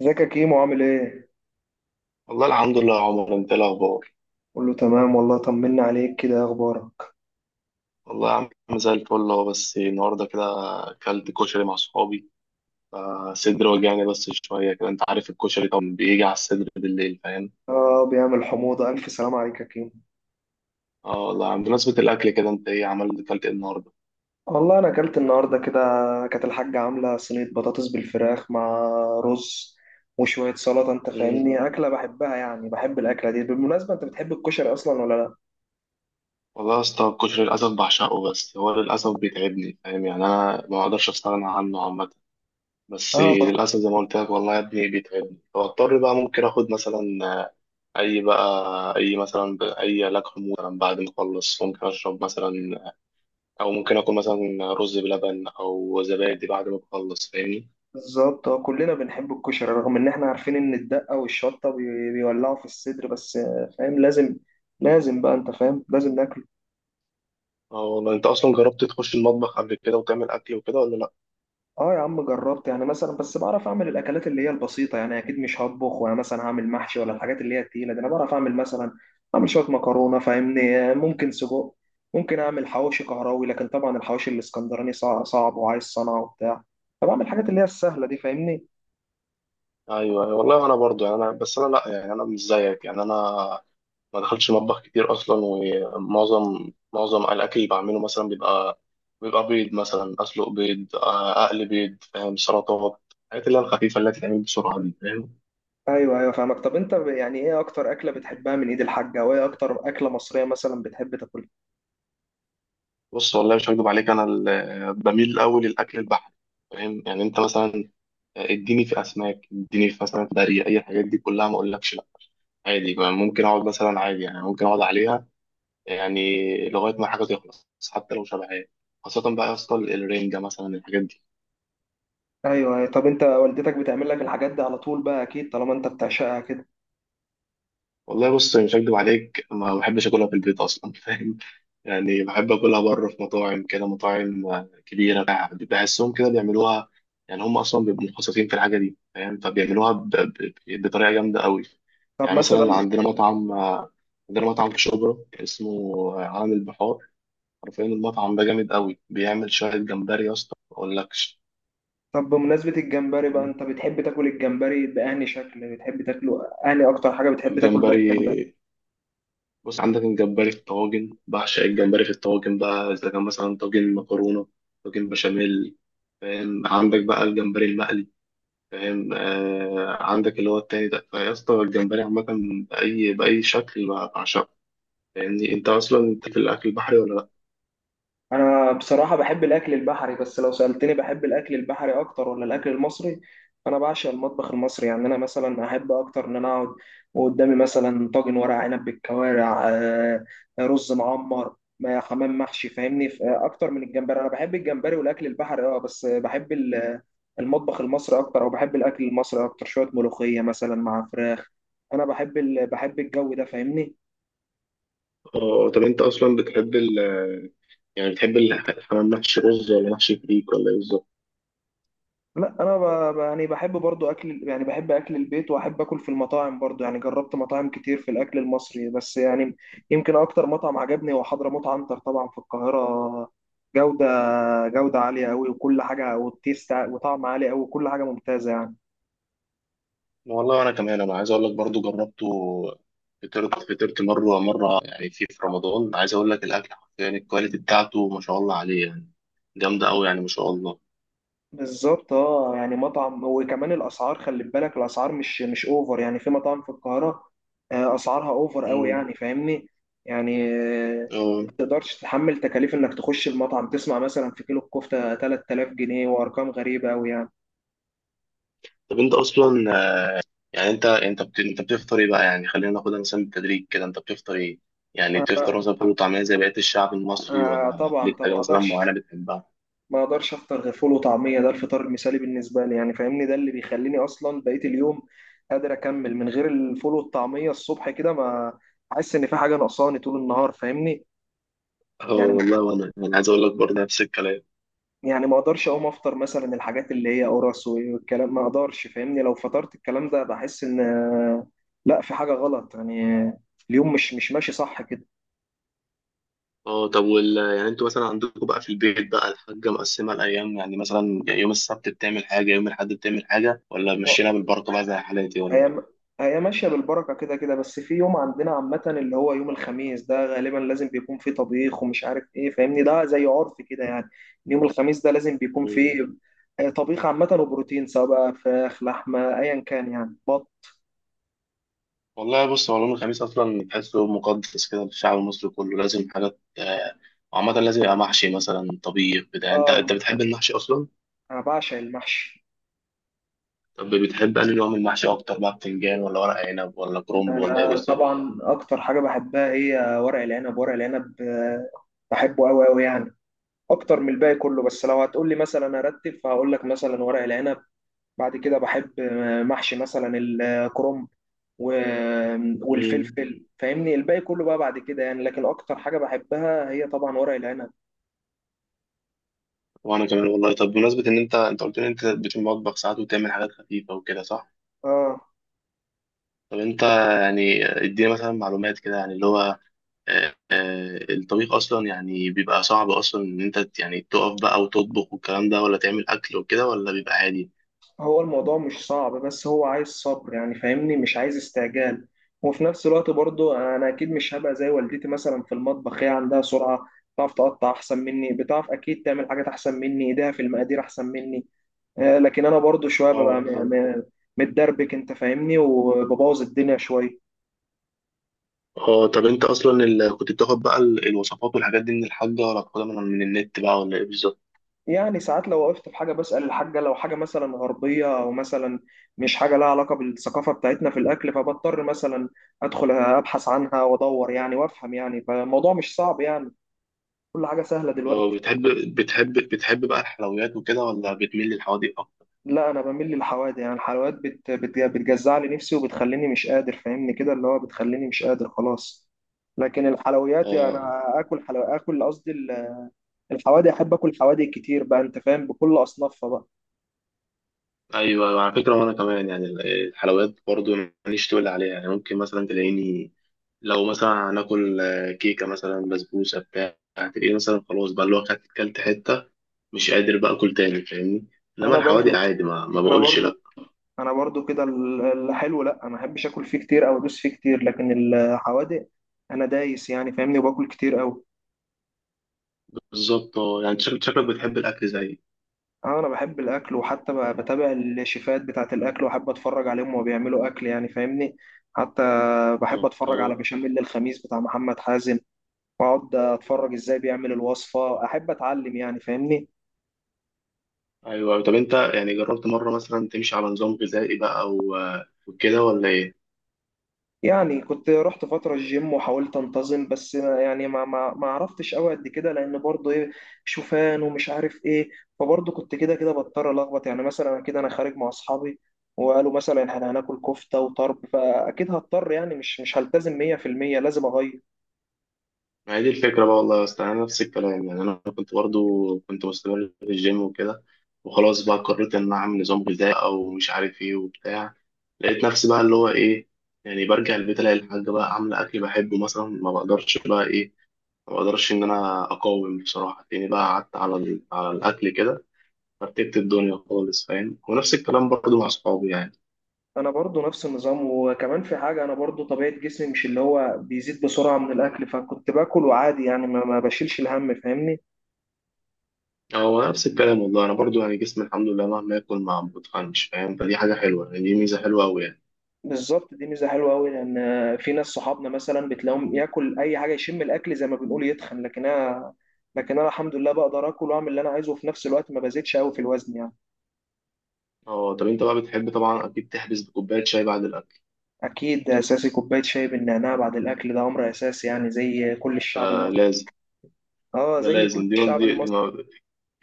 ازيك يا كيمو عامل ايه؟ والله الحمد لله يا عمر، انت ايه الاخبار؟ قول له تمام. والله طمنا عليك كده، ايه اخبارك؟ والله يا عم زي الفل اهو، بس النهارده كده اكلت كشري مع صحابي. فصدري وجعني بس شويه كده، انت عارف الكشري طبعا بيجي على الصدر بالليل، فاهم؟ اه، بيعمل حموضة. الف سلام عليك يا كيمو. اه والله يا عم، بمناسبه الاكل كده انت ايه اكلت ايه النهارده؟ والله انا اكلت النهارده كده، كانت الحاجة عاملة صينية بطاطس بالفراخ مع رز وشوية سلطة. انت مم. فاهمني اكلة بحبها، يعني بحب الاكلة دي. بالمناسبة، انت بتحب الكشري اصلا ولا لا؟ والله يا اسطى، الكشري للاسف بعشقه، بس هو للاسف بيتعبني، فاهم يعني، انا ما اقدرش استغنى عنه عامه. بس اه، للاسف زي ما قلت لك، والله يا ابني بيتعبني، فاضطر بقى ممكن اخد مثلا اي بقى اي مثلا ب- اي علاج حموضه مثلا، بعد ما اخلص ممكن اشرب مثلا، او ممكن اكل مثلا رز بلبن او زبادي بعد ما اخلص، فاهمني؟ بالظبط. اه، كلنا بنحب الكشري، رغم ان احنا عارفين ان الدقة والشطة بيولعوا في الصدر. بس فاهم، لازم لازم بقى، انت فاهم لازم ناكله. اه والله، انت اصلا جربت تخش المطبخ قبل كده وتعمل اكل وكده ولا لا؟ اه يا عم، جربت يعني مثلا، بس بعرف اعمل الاكلات اللي هي البسيطه. يعني اكيد مش هطبخ وانا مثلا هعمل محشي ولا الحاجات اللي هي التقيله دي. انا بعرف اعمل مثلا، اعمل شويه مكرونه فاهمني، ممكن سجق، ممكن اعمل حواوشي كهراوي. لكن طبعا الحواوشي الاسكندراني صعب وعايز صنعه وبتاع. فبعمل الحاجات اللي هي السهله دي فاهمني. ايوه، أيوة. والله انا برضو، يعني انا بس انا، لا يعني انا مش زيك، يعني انا ما دخلتش مطبخ كتير اصلا، ومعظم الاكل اللي بعمله مثلا بيبقى، بيض مثلا، اسلق بيض، اقلي بيض، فاهم؟ سلطات، الحاجات اللي هي الخفيفه اللي هتتعمل بسرعه دي، فاهم؟ ايوه ايوه، فاهمك. طب انت يعني ايه اكتر اكله بتحبها من ايد الحاجه، وايه اكتر اكله مصريه مثلا بتحب تاكلها؟ بص والله مش هكدب عليك، انا بميل الاول للاكل البحري، فاهم؟ يعني انت مثلا اديني في اسماك، اديني في مثلا بري، اي الحاجات دي كلها ما اقولكش لا. عادي بقى، ممكن اقعد مثلا عادي، يعني ممكن اقعد عليها، يعني لغايه ما حاجه تخلص، حتى لو شبعان. خاصه بقى يا اسطى، الرنجه مثلا الحاجات دي. ايوه ايوه. طب انت والدتك بتعمل لك الحاجات دي على طول بقى اكيد طالما انت بتعشقها كده؟ والله بص مش هكدب عليك، ما بحبش اكلها في البيت اصلا. فاهم؟ يعني بحب اكلها بره في مطاعم كبيره، بحسهم كده بيعملوها، يعني هم اصلا بيبقوا متخصصين في الحاجه دي، فاهم؟ فبيعملوها بطريقه جامده قوي. طب يعني مثلا مثلا عندنا مطعم في شبرا اسمه عالم البحار. عارفين المطعم ده جامد قوي، بيعمل شويه جمبري يا اسطى ما اقولكش. طب بمناسبة الجمبري بقى، فاهم؟ انت بتحب تاكل الجمبري بأنهي شكل، بتحب تاكله أنهي أكتر حاجة بتحب تاكل بقى الجمبري؟ الجمبري، بص عندك الجمبري في الطواجن، بعشق الجمبري في الطواجن بقى إذا كان مثلا طاجن مكرونة، طاجن بشاميل، فاهم؟ عندك بقى الجمبري المقلي، فاهم؟ عندك اللي هو التاني ده فيا اسطى، الجمبري عامة بأي شكل بقى بعشقه، فاهمني؟ أنت أصلا أنت في الأكل البحري ولا لأ؟ انا بصراحه بحب الاكل البحري، بس لو سالتني بحب الاكل البحري اكتر ولا الاكل المصري، انا بعشق المطبخ المصري. يعني انا مثلا احب اكتر ان انا اقعد وقدامي مثلا طاجن ورق عنب بالكوارع، رز معمر، حمام محشي فاهمني. اكتر من الجمبري، انا بحب الجمبري والاكل البحري اه، بس بحب المطبخ المصري اكتر. او بحب الاكل المصري اكتر، شويه ملوخيه مثلا مع فراخ. انا بحب الجو ده فاهمني. طب أنت أصلا، بتحب ال يعني الحمام محشي رز ولا محشي فريك ولا إيه بالظبط؟ لا انا يعني بحب برضو اكل، يعني بحب اكل البيت واحب اكل في المطاعم برضو. يعني جربت مطاعم كتير في الاكل المصري، بس يعني يمكن اكتر مطعم عجبني هو حضرموت عنتر، طبعا في القاهرة. جودة جودة عالية قوي وكل حاجة. والتيست وطعم عالي قوي وكل حاجة ممتازة يعني. والله انا كمان انا عايز اقول لك برضو جربته، فطرت مره مره، يعني في رمضان، عايز اقول لك الاكل، يعني الكواليتي بتاعته ما شاء الله عليه، يعني جامده قوي يعني، ما شاء الله. بالظبط اه. يعني مطعم وكمان الاسعار، خلي بالك، الاسعار مش اوفر. يعني في مطاعم في القاهره اسعارها اوفر قوي امم. يعني فاهمني. يعني اه ما تقدرش تتحمل تكاليف انك تخش المطعم، تسمع مثلا في كيلو الكفته 3000 جنيه، وارقام غريبه قوي يعني. طب انت اصلا، يعني انت بتفطر ايه بقى، يعني خلينا ناخدها مثلا بالتدريج كده، انت بتفطر ايه، يعني آه بتفطر مثلا فول وطعميه زي بقيه الشعب المصري، ولا طبعا ليك طبعا، حاجه ما مثلا اقدرش معينه بتحبها؟ ما اقدرش افطر غير فول وطعميه. ده الفطار المثالي بالنسبه لي يعني فاهمني، ده اللي بيخليني اصلا بقيه اليوم قادر اكمل. من غير الفول والطعميه الصبح كده، ما احس ان في حاجه ناقصاني طول النهار فاهمني. اه يعني والله، وانا عايز اقول لك برضه نفس الكلام. يعني ما اقدرش اقوم افطر مثلا الحاجات اللي هي قرص والكلام، ما اقدرش فاهمني. لو فطرت الكلام ده بحس ان لا، في حاجه غلط يعني. اليوم مش ماشي صح كده. اه طب يعني انتوا مثلا عندكم بقى في البيت بقى، الحاجة مقسمة الأيام، يعني مثلا يوم السبت بتعمل حاجة، يوم الأحد بتعمل حاجة، ولا مشينا بالبركة بقى زي حالاتي ولا إيه؟ هي هي ماشيه بالبركه كده كده. بس في يوم عندنا عامه اللي هو يوم الخميس، ده غالبا لازم بيكون فيه طبيخ ومش عارف ايه فاهمني. ده زي عرف كده يعني. يوم الخميس ده لازم بيكون مم. فيه طبيخ عامه وبروتين، سواء بقى فراخ لحمه ايا كان يعني، بط. والله بص، هو يوم الخميس أصلا تحسه يوم مقدس كده للشعب المصري كله، لازم حاجات، وعامة لازم يبقى محشي مثلا، طبيخ بتاع. أنت اه، بتحب المحشي أصلا؟ انا بعشق المحشي. طب بتحب أنهي نوع من المحشي أكتر بقى، بتنجان ولا ورق عنب ولا كرنب ولا إيه أنا بالظبط؟ طبعا أكتر حاجة بحبها هي ورق العنب، ورق العنب بحبه أوي أوي يعني. أكتر من الباقي كله. بس لو هتقولي مثلا أرتب، فهقول لك مثلا ورق العنب. بعد كده بحب محشي مثلا الكرنب و- مم. والفلفل فاهمني. الباقي كله بقى بعد كده يعني، لكن أكتر حاجة بحبها هي طبعا ورق العنب. وأنا كمان، والله طب بمناسبة إن أنت قلت لي أنت بتمطبخ ساعات، وتعمل حاجات خفيفة وكده، صح؟ آه. طب انت، يعني ادينا مثلا معلومات كده يعني، اللي هو الطبيخ اصلا يعني بيبقى صعب اصلا ان انت يعني تقف بقى وتطبخ والكلام ده، ولا تعمل اكل وكده، ولا بيبقى عادي؟ هو الموضوع مش صعب، بس هو عايز صبر يعني فاهمني، مش عايز استعجال. وفي نفس الوقت برضو انا اكيد مش هبقى زي والدتي مثلا في المطبخ. هي عندها سرعة، بتعرف تقطع احسن مني، بتعرف اكيد تعمل حاجات احسن مني، ايديها في المقادير احسن مني لكن انا برضو شوية ببقى اه. متدربك انت فاهمني، وببوظ الدنيا شوية. اه طب انت اصلا، كنت بتاخد بقى الوصفات والحاجات دي من الحاجة، ولا بتاخدها من النت بقى، ولا ايه بالظبط؟ يعني ساعات لو وقفت في حاجة بسأل الحاجة. لو حاجة مثلا غربية أو مثلا مش حاجة لها علاقة بالثقافة بتاعتنا في الأكل، فبضطر مثلا أدخل أبحث عنها وأدور يعني وأفهم يعني. فالموضوع مش صعب يعني، كل حاجة سهلة اه، دلوقتي. بتحب بقى الحلويات وكده، ولا بتميل للحوادق اكتر؟ لا، أنا بميل للحوادق. يعني الحلويات بت بت بتجزع لي نفسي وبتخليني مش قادر فاهمني، كده اللي هو بتخليني مش قادر خلاص. لكن الحلويات يعني اه، أنا آكل حلو، آكل قصدي الحوادق. أحب آكل حوادق كتير بقى، أنت فاهم، بكل أصنافها بقى. ايوه، ايوه، على فكرة، وانا كمان يعني الحلويات برضو ماليش تقول عليها، يعني ممكن مثلا تلاقيني، لو مثلا هناكل كيكة مثلا، بسبوسة بتاع، هتلاقيه مثلا خلاص بقى، اللي هو كلت حتة، مش قادر بقى أكل تاني، فاهمني؟ إنما أنا برضو الحوادق عادي، ما أنا بقولش برضو لأ. انا برضو كده الحلو لا، ما احبش اكل فيه كتير او ادوس فيه كتير. لكن الحوادق انا دايس يعني فاهمني، وباكل كتير قوي. بالظبط، اه يعني، شكلك بتحب الأكل زيي. اه، انا بحب الاكل، وحتى بتابع الشيفات بتاعه الاكل، واحب اتفرج عليهم وهو بيعملوا اكل يعني فاهمني. حتى اه، بحب اتفرج على آه. بشاميل الخميس بتاع محمد حازم، واقعد اتفرج ازاي بيعمل الوصفه، احب اتعلم يعني فاهمني. أيوه. طب أنت يعني، جربت مرة مثلا تمشي على نظام غذائي بقى وكده، ولا إيه؟ يعني كنت رحت فترة الجيم وحاولت انتظم، بس يعني ما عرفتش قوي قد كده. لان برضه ايه، شوفان ومش عارف ايه. فبرضه كنت كده كده بضطر الخبط. يعني مثلا كده انا خارج مع اصحابي وقالوا مثلا احنا هناكل كفتة وطرب، فاكيد هضطر يعني مش هلتزم 100%، لازم اغير. ما هي دي الفكرة بقى، والله يا اسطى أنا نفس الكلام، يعني أنا كنت برضو كنت مستمر في الجيم وكده، وخلاص بقى قررت إن أنا أعمل نظام غذائي، أو مش عارف إيه وبتاع، لقيت نفسي بقى اللي هو إيه، يعني برجع البيت ألاقي الحاجة بقى عاملة أكل بحبه، مثلا ما بقدرش بقى إيه، ما بقدرش إن أنا أقاوم، بصراحة تاني بقى قعدت على الأكل كده، فرتبت الدنيا خالص، فاهم؟ ونفس الكلام برضو مع أصحابي يعني. انا برضه نفس النظام، وكمان في حاجة، انا برضه طبيعة جسمي مش اللي هو بيزيد بسرعة من الاكل، فكنت باكل وعادي يعني ما بشيلش الهم فاهمني. هو نفس الكلام والله، أنا برضو يعني، جسمي الحمد لله مهما آكل ما بتخنش، فاهم؟ فدي حاجة حلوة يعني، دي ميزة حلوة أوي يعني. بالظبط، دي ميزه حلوه قوي. لان في ناس صحابنا مثلا بتلاقيهم ياكل اي حاجه، يشم الاكل زي ما بنقول يتخن. لكن انا الحمد لله بقدر اكل واعمل اللي انا عايزه، وفي نفس الوقت ما بزيدش قوي في الوزن يعني. اه، طب انت بقى بتحب طبعا اكيد تحبس بكوبايه شاي بعد الاكل. اكيد، اساسي كوبايه شاي بالنعناع بعد الاكل، ده امر اساسي يعني زي كل الشعب ده المصري. لازم، اه، ده زي كل لازم، دي الشعب دي دي المصري. ما-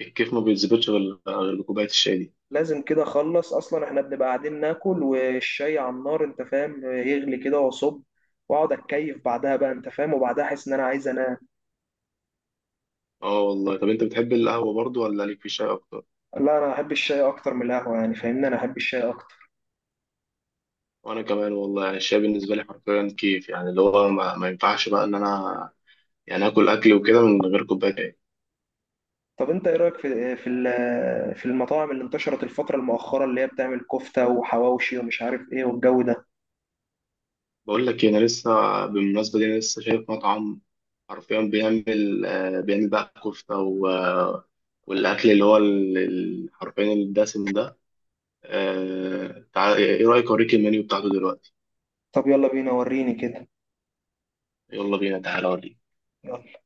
الكيف ما بيتظبطش غير بكوبايه الشاي دي. لازم كده. اخلص اصلا، احنا بنبقى قاعدين ناكل والشاي على النار انت فاهم، يغلي كده واصب، واقعد اتكيف بعدها بقى انت فاهم. وبعدها احس ان انا عايز انام. اه والله، طب انت بتحب القهوه برضو ولا ليك في الشاي اكتر؟ لا، انا احب الشاي اكتر من القهوه يعني فاهمني، انا احب الشاي اكتر. وانا كمان والله، يعني الشاي بالنسبه لي حرفيا كيف، يعني اللي هو ما ينفعش بقى ان انا يعني اكل اكل وكده من غير كوبايه شاي. طب انت ايه رايك في المطاعم اللي انتشرت الفتره المؤخره، اللي هي بتعمل كفته وحواوشي ومش عارف ايه والجو ده؟ بقول لك إيه، انا لسه، بالمناسبه دي، انا لسه شايف مطعم، حرفيا بيعمل بقى كفته والاكل اللي هو حرفيا الدسم ده. تعال، ايه رأيك اوريك المنيو بتاعته دلوقتي؟ طب يلا بينا، وريني كده. يلا بينا، تعالى اوريك. يلا.